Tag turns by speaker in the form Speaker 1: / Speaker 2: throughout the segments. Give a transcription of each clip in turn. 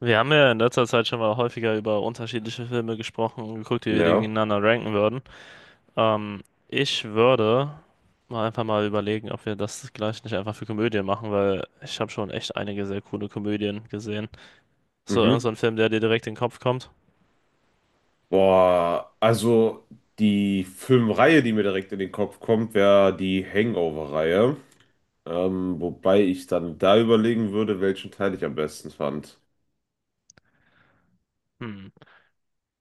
Speaker 1: Wir haben ja in letzter Zeit schon mal häufiger über unterschiedliche Filme gesprochen und geguckt, wie wir die
Speaker 2: Ja.
Speaker 1: gegeneinander ranken würden. Ähm, ich würde mal einfach mal überlegen, ob wir das gleich nicht einfach für Komödien machen, weil ich habe schon echt einige sehr coole Komödien gesehen. So, irgend so
Speaker 2: Mhm.
Speaker 1: ein Film, der dir direkt in den Kopf kommt.
Speaker 2: Boah, also die Filmreihe, die mir direkt in den Kopf kommt, wäre die Hangover-Reihe. Wobei ich dann da überlegen würde, welchen Teil ich am besten fand.
Speaker 1: Hm,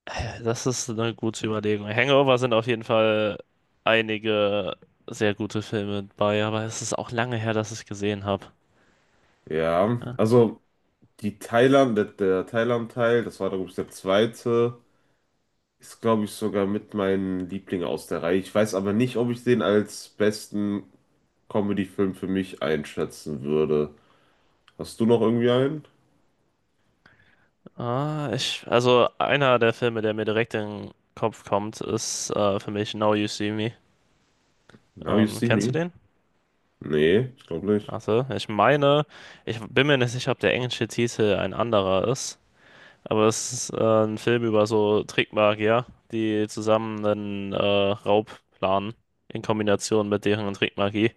Speaker 1: ja, das ist eine gute Überlegung. Hangover sind auf jeden Fall einige sehr gute Filme bei, aber es ist auch lange her, dass ich gesehen habe.
Speaker 2: Ja,
Speaker 1: Ja.
Speaker 2: also die Thailand, der Thailand-Teil, das war, glaube ich, der zweite, ist, glaube ich, sogar mit meinem Liebling aus der Reihe. Ich weiß aber nicht, ob ich den als besten Comedy-Film für mich einschätzen würde. Hast du noch irgendwie einen?
Speaker 1: Also einer der Filme, der mir direkt in den Kopf kommt, ist für mich Now You See Me.
Speaker 2: Now You See
Speaker 1: Kennst du
Speaker 2: Me?
Speaker 1: den?
Speaker 2: Nee, ich glaube nicht.
Speaker 1: Also, ich meine, ich bin mir nicht sicher, ob der englische Titel ein anderer ist, aber es ist ein Film über so Trickmagier, die zusammen einen Raub planen in Kombination mit deren Trickmagie.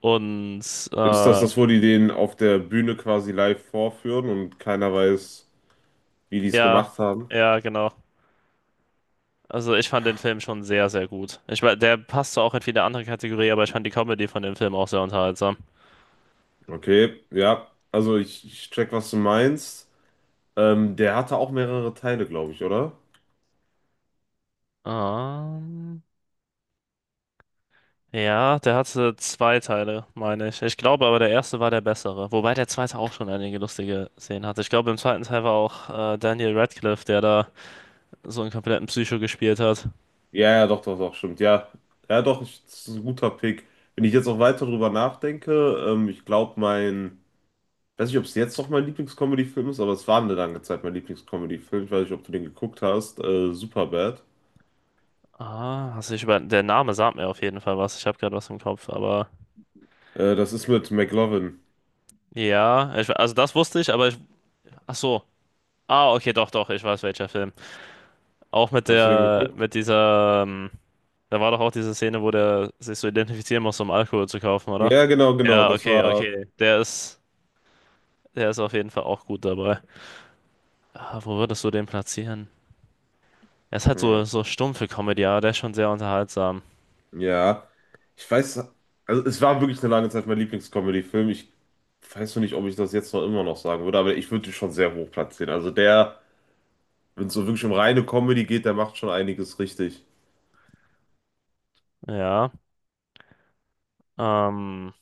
Speaker 1: Und
Speaker 2: Ist das
Speaker 1: äh,
Speaker 2: das, wo die den auf der Bühne quasi live vorführen und keiner weiß, wie die es
Speaker 1: ja,
Speaker 2: gemacht haben?
Speaker 1: ja, genau. Also ich fand den Film schon sehr, sehr gut. Der passte auch in viele andere Kategorie, aber ich fand die Comedy von dem Film auch sehr unterhaltsam.
Speaker 2: Okay, ja. Also ich check, was du meinst. Der hatte auch mehrere Teile, glaube ich, oder?
Speaker 1: Ähm, ja, der hatte zwei Teile, meine ich. Ich glaube aber, der erste war der bessere. Wobei der zweite auch schon einige lustige Szenen hatte. Ich glaube, im zweiten Teil war auch Daniel Radcliffe, der da so einen kompletten Psycho gespielt hat.
Speaker 2: Ja, ja, doch, doch, doch, stimmt. Ja, ja, doch, ich, das ist ein guter Pick. Wenn ich jetzt auch weiter drüber nachdenke, ich glaube, mein, weiß nicht, ob es jetzt noch mein Lieblingscomedy-Film ist, aber es war eine lange Zeit mein Lieblingscomedy-Film. Ich weiß nicht, ob du den geguckt hast. Superbad.
Speaker 1: Also ich über der Name sagt mir auf jeden Fall was. Ich habe gerade was im Kopf, aber
Speaker 2: Das ist mit McLovin.
Speaker 1: ja, also das wusste ich, aber ach so. Ah, okay, doch, doch, ich weiß welcher Film. Auch mit
Speaker 2: Hast du den
Speaker 1: der,
Speaker 2: geguckt?
Speaker 1: mit dieser, da war doch auch diese Szene, wo der sich so identifizieren muss, um Alkohol zu kaufen, oder?
Speaker 2: Ja, genau, genau.
Speaker 1: Ja,
Speaker 2: Das
Speaker 1: okay,
Speaker 2: war.
Speaker 1: okay. Der ist auf jeden Fall auch gut dabei. Ah, wo würdest du den platzieren? Er ist halt
Speaker 2: Hm,
Speaker 1: so, so stumpfe Comedy, aber der ist schon sehr unterhaltsam.
Speaker 2: ja. Ich weiß, also es war wirklich eine lange Zeit mein Lieblingscomedy-Film. Ich weiß noch nicht, ob ich das jetzt noch immer noch sagen würde, aber ich würde ihn schon sehr hoch platzieren. Also der, wenn es so wirklich um reine Comedy geht, der macht schon einiges richtig.
Speaker 1: Ja. Ähm,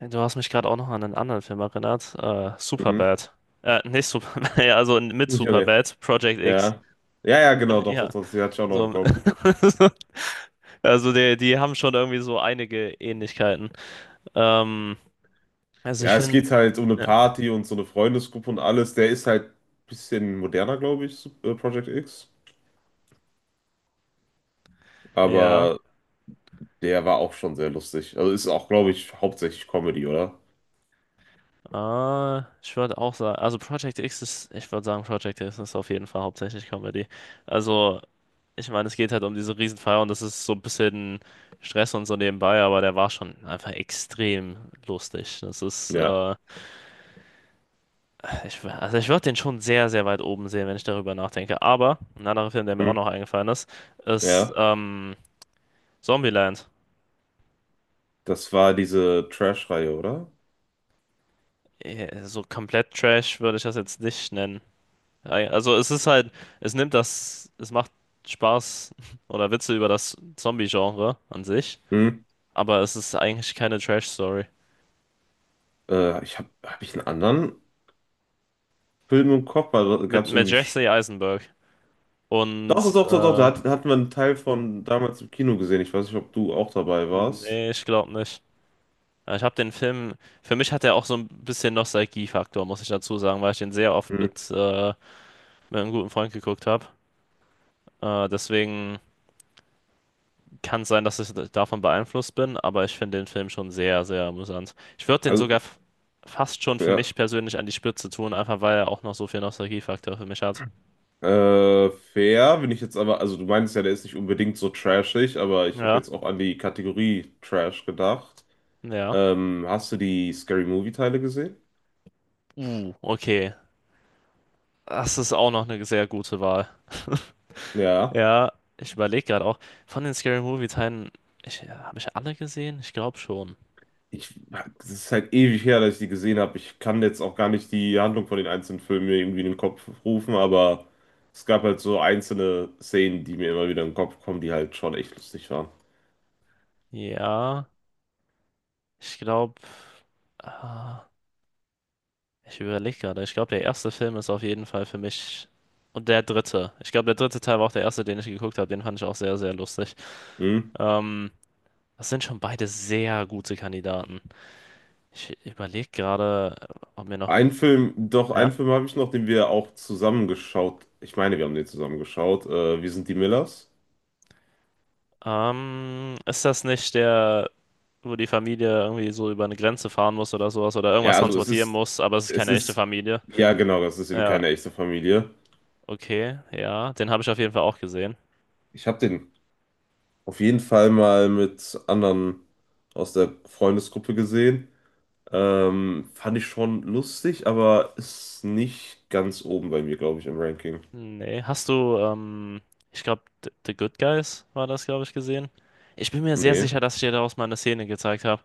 Speaker 1: du hast mich gerade auch noch an einen anderen Film erinnert.
Speaker 2: Mhm.
Speaker 1: Superbad. Nicht Superbad, ja, also mit
Speaker 2: Junge.
Speaker 1: Superbad, Project X.
Speaker 2: Ja. Ja, ja, genau, doch,
Speaker 1: Ja,
Speaker 2: doch, doch. Die hatte ich auch noch im
Speaker 1: so.
Speaker 2: Kopf.
Speaker 1: Also die haben schon irgendwie so einige Ähnlichkeiten. Ähm, also ich
Speaker 2: Ja, es
Speaker 1: finde,
Speaker 2: geht halt um eine
Speaker 1: ja,
Speaker 2: Party und so eine Freundesgruppe und alles. Der ist halt ein bisschen moderner, glaube ich, Project X.
Speaker 1: ja,
Speaker 2: Aber der war auch schon sehr lustig. Also ist auch, glaube ich, hauptsächlich Comedy, oder?
Speaker 1: ich würde auch sagen, also Project X ist, ich würde sagen, Project X ist auf jeden Fall hauptsächlich Comedy. Also, ich meine, es geht halt um diese Riesenfeier und das ist so ein bisschen Stress und so nebenbei, aber der war schon einfach extrem lustig. Das ist,
Speaker 2: Ja.
Speaker 1: also ich würde den schon sehr, sehr weit oben sehen, wenn ich darüber nachdenke. Aber ein anderer Film, der mir
Speaker 2: Hm.
Speaker 1: auch noch eingefallen ist, ist
Speaker 2: Ja.
Speaker 1: Zombieland.
Speaker 2: Das war diese Trash-Reihe, oder?
Speaker 1: Eh, so komplett Trash würde ich das jetzt nicht nennen. Ei, also es ist halt, es macht Spaß oder Witze über das Zombie-Genre an sich,
Speaker 2: Hm.
Speaker 1: aber es ist eigentlich keine Trash-Story.
Speaker 2: Ich habe hab hab ich einen anderen Film im Kopf, weil da gab
Speaker 1: Mit,
Speaker 2: es
Speaker 1: mit
Speaker 2: irgendwie.
Speaker 1: Jesse Eisenberg und,
Speaker 2: Doch, doch, doch, doch, da
Speaker 1: äh,
Speaker 2: hatten wir einen Teil
Speaker 1: und
Speaker 2: von damals im Kino gesehen. Ich weiß nicht, ob du auch dabei warst.
Speaker 1: nee, ich glaube nicht. Ja, ich habe den Film, für mich hat er auch so ein bisschen Nostalgie-Faktor, muss ich dazu sagen, weil ich den sehr oft
Speaker 2: Hm.
Speaker 1: mit einem guten Freund geguckt habe. Deswegen kann sein, dass ich davon beeinflusst bin, aber ich finde den Film schon sehr, sehr amüsant. Ich würde den sogar
Speaker 2: Also,
Speaker 1: f- fast schon für
Speaker 2: ja.
Speaker 1: mich persönlich an die Spitze tun, einfach weil er auch noch so viel Nostalgiefaktor für mich hat.
Speaker 2: Fair, bin ich jetzt aber, also du meinst ja, der ist nicht unbedingt so trashig, aber ich habe
Speaker 1: Ja,
Speaker 2: jetzt auch an die Kategorie Trash gedacht.
Speaker 1: ja.
Speaker 2: Hast du die Scary Movie Teile gesehen?
Speaker 1: Okay. Das ist auch noch eine sehr gute Wahl.
Speaker 2: Ja.
Speaker 1: Ja, ich überlege gerade auch, von den Scary Movie Teilen, habe ich alle gesehen? Ich glaube schon.
Speaker 2: Ich, das ist halt ewig her, dass ich die gesehen habe. Ich kann jetzt auch gar nicht die Handlung von den einzelnen Filmen mir irgendwie in den Kopf rufen, aber es gab halt so einzelne Szenen, die mir immer wieder in den Kopf kommen, die halt schon echt lustig waren.
Speaker 1: Ja, ich glaube. Ich überlege gerade. Ich glaube, der erste Film ist auf jeden Fall für mich. Und der dritte. Ich glaube, der dritte Teil war auch der erste, den ich geguckt habe. Den fand ich auch sehr, sehr lustig.
Speaker 2: Hm?
Speaker 1: Ähm, das sind schon beide sehr gute Kandidaten. Ich überlege gerade, ob mir noch.
Speaker 2: Ein Film, doch,
Speaker 1: Ja.
Speaker 2: einen Film habe ich noch, den wir auch zusammengeschaut. Ich meine, wir haben den zusammen geschaut. Wir sind die Millers.
Speaker 1: Ist das nicht der, wo die Familie irgendwie so über eine Grenze fahren muss oder sowas oder
Speaker 2: Ja,
Speaker 1: irgendwas
Speaker 2: also
Speaker 1: transportieren muss, aber es ist
Speaker 2: es
Speaker 1: keine echte
Speaker 2: ist,
Speaker 1: Familie?
Speaker 2: ja genau, das ist eben
Speaker 1: Ja,
Speaker 2: keine echte Familie.
Speaker 1: okay, ja. Den habe ich auf jeden Fall auch gesehen.
Speaker 2: Ich habe den auf jeden Fall mal mit anderen aus der Freundesgruppe gesehen. Fand ich schon lustig, aber ist nicht ganz oben bei mir, glaube ich, im Ranking.
Speaker 1: Nee, ich glaube, The Good Guys war das, glaube ich, gesehen. Ich bin mir sehr
Speaker 2: Nee.
Speaker 1: sicher, dass ich dir daraus mal eine Szene gezeigt habe,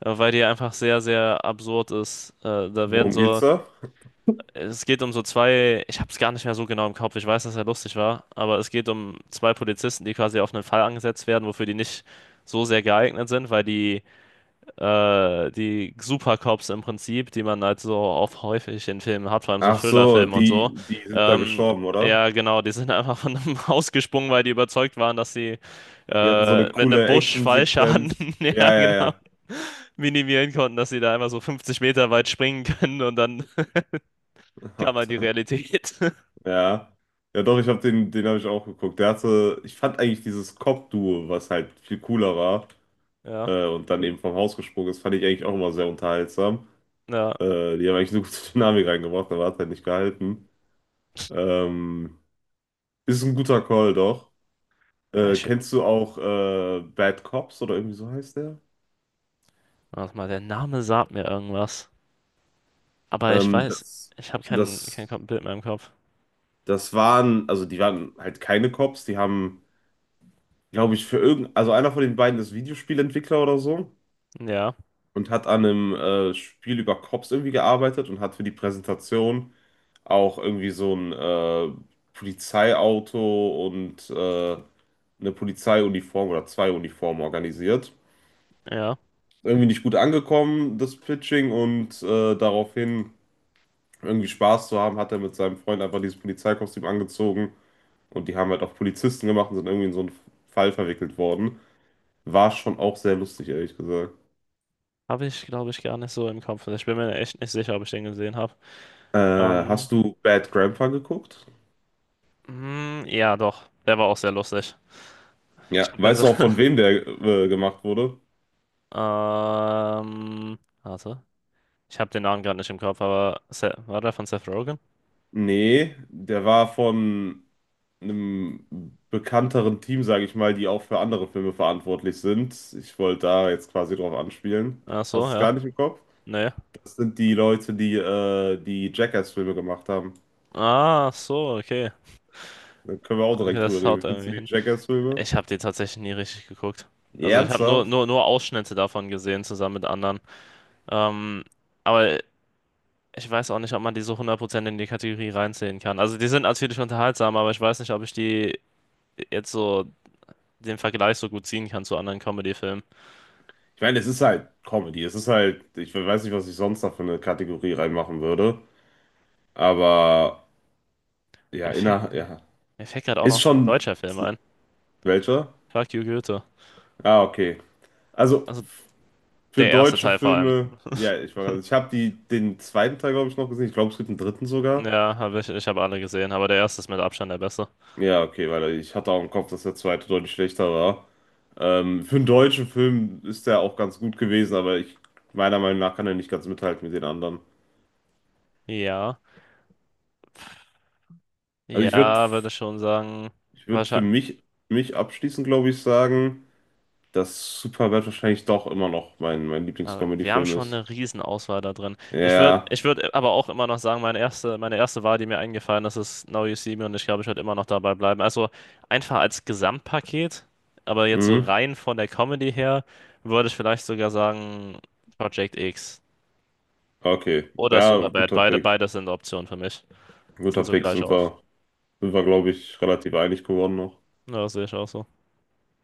Speaker 1: weil die einfach sehr, sehr absurd ist. Da werden
Speaker 2: Worum geht's
Speaker 1: so,
Speaker 2: da?
Speaker 1: es geht um so zwei, ich habe es gar nicht mehr so genau im Kopf, ich weiß, dass er lustig war, aber es geht um zwei Polizisten, die quasi auf einen Fall angesetzt werden, wofür die nicht so sehr geeignet sind, weil die die Supercops im Prinzip, die man halt so auch häufig in Filmen hat, vor allem so
Speaker 2: Ach so,
Speaker 1: Thriller-Filmen und so.
Speaker 2: die sind da
Speaker 1: Ähm,
Speaker 2: gestorben, oder?
Speaker 1: ja, genau, die sind einfach von einem Haus gesprungen, weil die überzeugt waren, dass sie
Speaker 2: Die hatten so eine
Speaker 1: mit einem
Speaker 2: coole
Speaker 1: Busch Fallschaden,
Speaker 2: Action-Sequenz.
Speaker 1: ja,
Speaker 2: Ja, ja,
Speaker 1: genau,
Speaker 2: ja.
Speaker 1: minimieren konnten, dass sie da einfach so 50 Meter weit springen können und dann kam halt die
Speaker 2: Alter.
Speaker 1: Realität.
Speaker 2: Ja. Ja, doch, ich habe den, den habe ich auch geguckt. Der hatte, ich fand eigentlich dieses Cop-Duo, was halt viel cooler war,
Speaker 1: Ja,
Speaker 2: und dann eben vom Haus gesprungen ist, fand ich eigentlich auch immer sehr unterhaltsam.
Speaker 1: ja.
Speaker 2: Die haben eigentlich eine gute Dynamik reingebracht, aber hat halt nicht gehalten. Ähm, Ist ein guter Call, doch.
Speaker 1: Ich,
Speaker 2: Kennst du auch Bad Cops oder irgendwie so heißt der?
Speaker 1: warte mal, der Name sagt mir irgendwas. Aber ich
Speaker 2: Ähm,
Speaker 1: weiß,
Speaker 2: das,
Speaker 1: ich habe kein, kein
Speaker 2: das,
Speaker 1: Kom- Bild mehr im Kopf.
Speaker 2: Das waren, also die waren halt keine Cops, die haben, glaube ich, für irgend, also einer von den beiden ist Videospielentwickler oder so
Speaker 1: Ja,
Speaker 2: und hat an einem Spiel über Cops irgendwie gearbeitet und hat für die Präsentation auch irgendwie so ein Polizeiauto und eine Polizeiuniform oder zwei Uniformen organisiert.
Speaker 1: ja.
Speaker 2: Irgendwie nicht gut angekommen, das Pitching, und daraufhin irgendwie Spaß zu haben, hat er mit seinem Freund einfach dieses Polizeikostüm angezogen und die haben halt auch Polizisten gemacht und sind irgendwie in so einen Fall verwickelt worden. War schon auch sehr lustig, ehrlich gesagt.
Speaker 1: Habe ich, glaube ich, gar nicht so im Kopf. Ich bin mir echt nicht sicher, ob ich den gesehen habe.
Speaker 2: Äh,
Speaker 1: Ähm,
Speaker 2: Hast du Bad Grandpa geguckt?
Speaker 1: mm, ja, doch. Der war auch sehr lustig. Ich
Speaker 2: Ja,
Speaker 1: habe
Speaker 2: weißt
Speaker 1: den.
Speaker 2: du auch von wem der gemacht wurde?
Speaker 1: Warte. Ich habe den Namen gerade nicht im Kopf, aber Se war der von Seth Rogen?
Speaker 2: Nee, der war von einem bekannteren Team, sage ich mal, die auch für andere Filme verantwortlich sind. Ich wollte da jetzt quasi drauf anspielen.
Speaker 1: Ach
Speaker 2: Hast
Speaker 1: so,
Speaker 2: du es
Speaker 1: ja.
Speaker 2: gar nicht im Kopf?
Speaker 1: Nee.
Speaker 2: Das sind die Leute, die die Jackass-Filme gemacht haben.
Speaker 1: Ah, so, okay.
Speaker 2: Da können wir auch
Speaker 1: Okay,
Speaker 2: direkt drüber
Speaker 1: das
Speaker 2: reden.
Speaker 1: haut
Speaker 2: Wie findest du
Speaker 1: irgendwie
Speaker 2: die
Speaker 1: hin.
Speaker 2: Jackass-Filme?
Speaker 1: Ich habe den tatsächlich nie richtig geguckt. Also ich habe
Speaker 2: Ernsthaft?
Speaker 1: nur Ausschnitte davon gesehen, zusammen mit anderen. Ähm, aber ich weiß auch nicht, ob man die so hundert Prozent in die Kategorie reinzählen kann. Also die sind natürlich unterhaltsam, aber ich weiß nicht, ob ich die jetzt so den Vergleich so gut ziehen kann zu anderen Comedy-Filmen.
Speaker 2: Ich meine, es ist halt Comedy. Es ist halt, ich weiß nicht, was ich sonst da für eine Kategorie reinmachen würde. Aber ja,
Speaker 1: Mir fällt,
Speaker 2: inner, ja.
Speaker 1: mir mir fällt gerade auch
Speaker 2: Ist
Speaker 1: noch ein
Speaker 2: schon
Speaker 1: deutscher Film ein.
Speaker 2: welcher?
Speaker 1: Fuck you, Goethe.
Speaker 2: Ah, okay. Also
Speaker 1: Also
Speaker 2: für
Speaker 1: der erste
Speaker 2: deutsche
Speaker 1: Teil vor allem.
Speaker 2: Filme, ja, ich war gerade, ich habe die den zweiten Teil, glaube ich, noch gesehen. Ich glaube, es gibt einen dritten sogar.
Speaker 1: Ja, ich habe alle gesehen, aber der erste ist mit Abstand der beste.
Speaker 2: Ja, okay, weil ich hatte auch im Kopf, dass der zweite deutlich schlechter war. Für einen deutschen Film ist der auch ganz gut gewesen, aber ich, meiner Meinung nach kann er nicht ganz mithalten mit den anderen.
Speaker 1: Ja,
Speaker 2: Also ich würde
Speaker 1: ja, würde ich schon sagen.
Speaker 2: ich würd für mich abschließend, glaube ich, sagen, dass Superbad wahrscheinlich doch immer noch mein
Speaker 1: Aber wir haben
Speaker 2: Lieblingscomedy-Film
Speaker 1: schon
Speaker 2: ist.
Speaker 1: eine Riesenauswahl da drin. Ich würde
Speaker 2: Ja,
Speaker 1: ich würd aber auch immer noch sagen, meine erste Wahl, die mir eingefallen ist, ist Now You See Me und ich glaube, ich werde immer noch dabei bleiben. Also einfach als Gesamtpaket, aber jetzt so
Speaker 2: mhm.
Speaker 1: rein von der Comedy her, würde ich vielleicht sogar sagen Project X
Speaker 2: Okay.
Speaker 1: oder
Speaker 2: Ja,
Speaker 1: Superbad.
Speaker 2: guter Pick.
Speaker 1: Beide sind Optionen für mich. Sind
Speaker 2: Guter
Speaker 1: so
Speaker 2: Pick
Speaker 1: gleich aus.
Speaker 2: sind wir, glaube ich, relativ einig geworden noch.
Speaker 1: Ja, sehe ich auch so.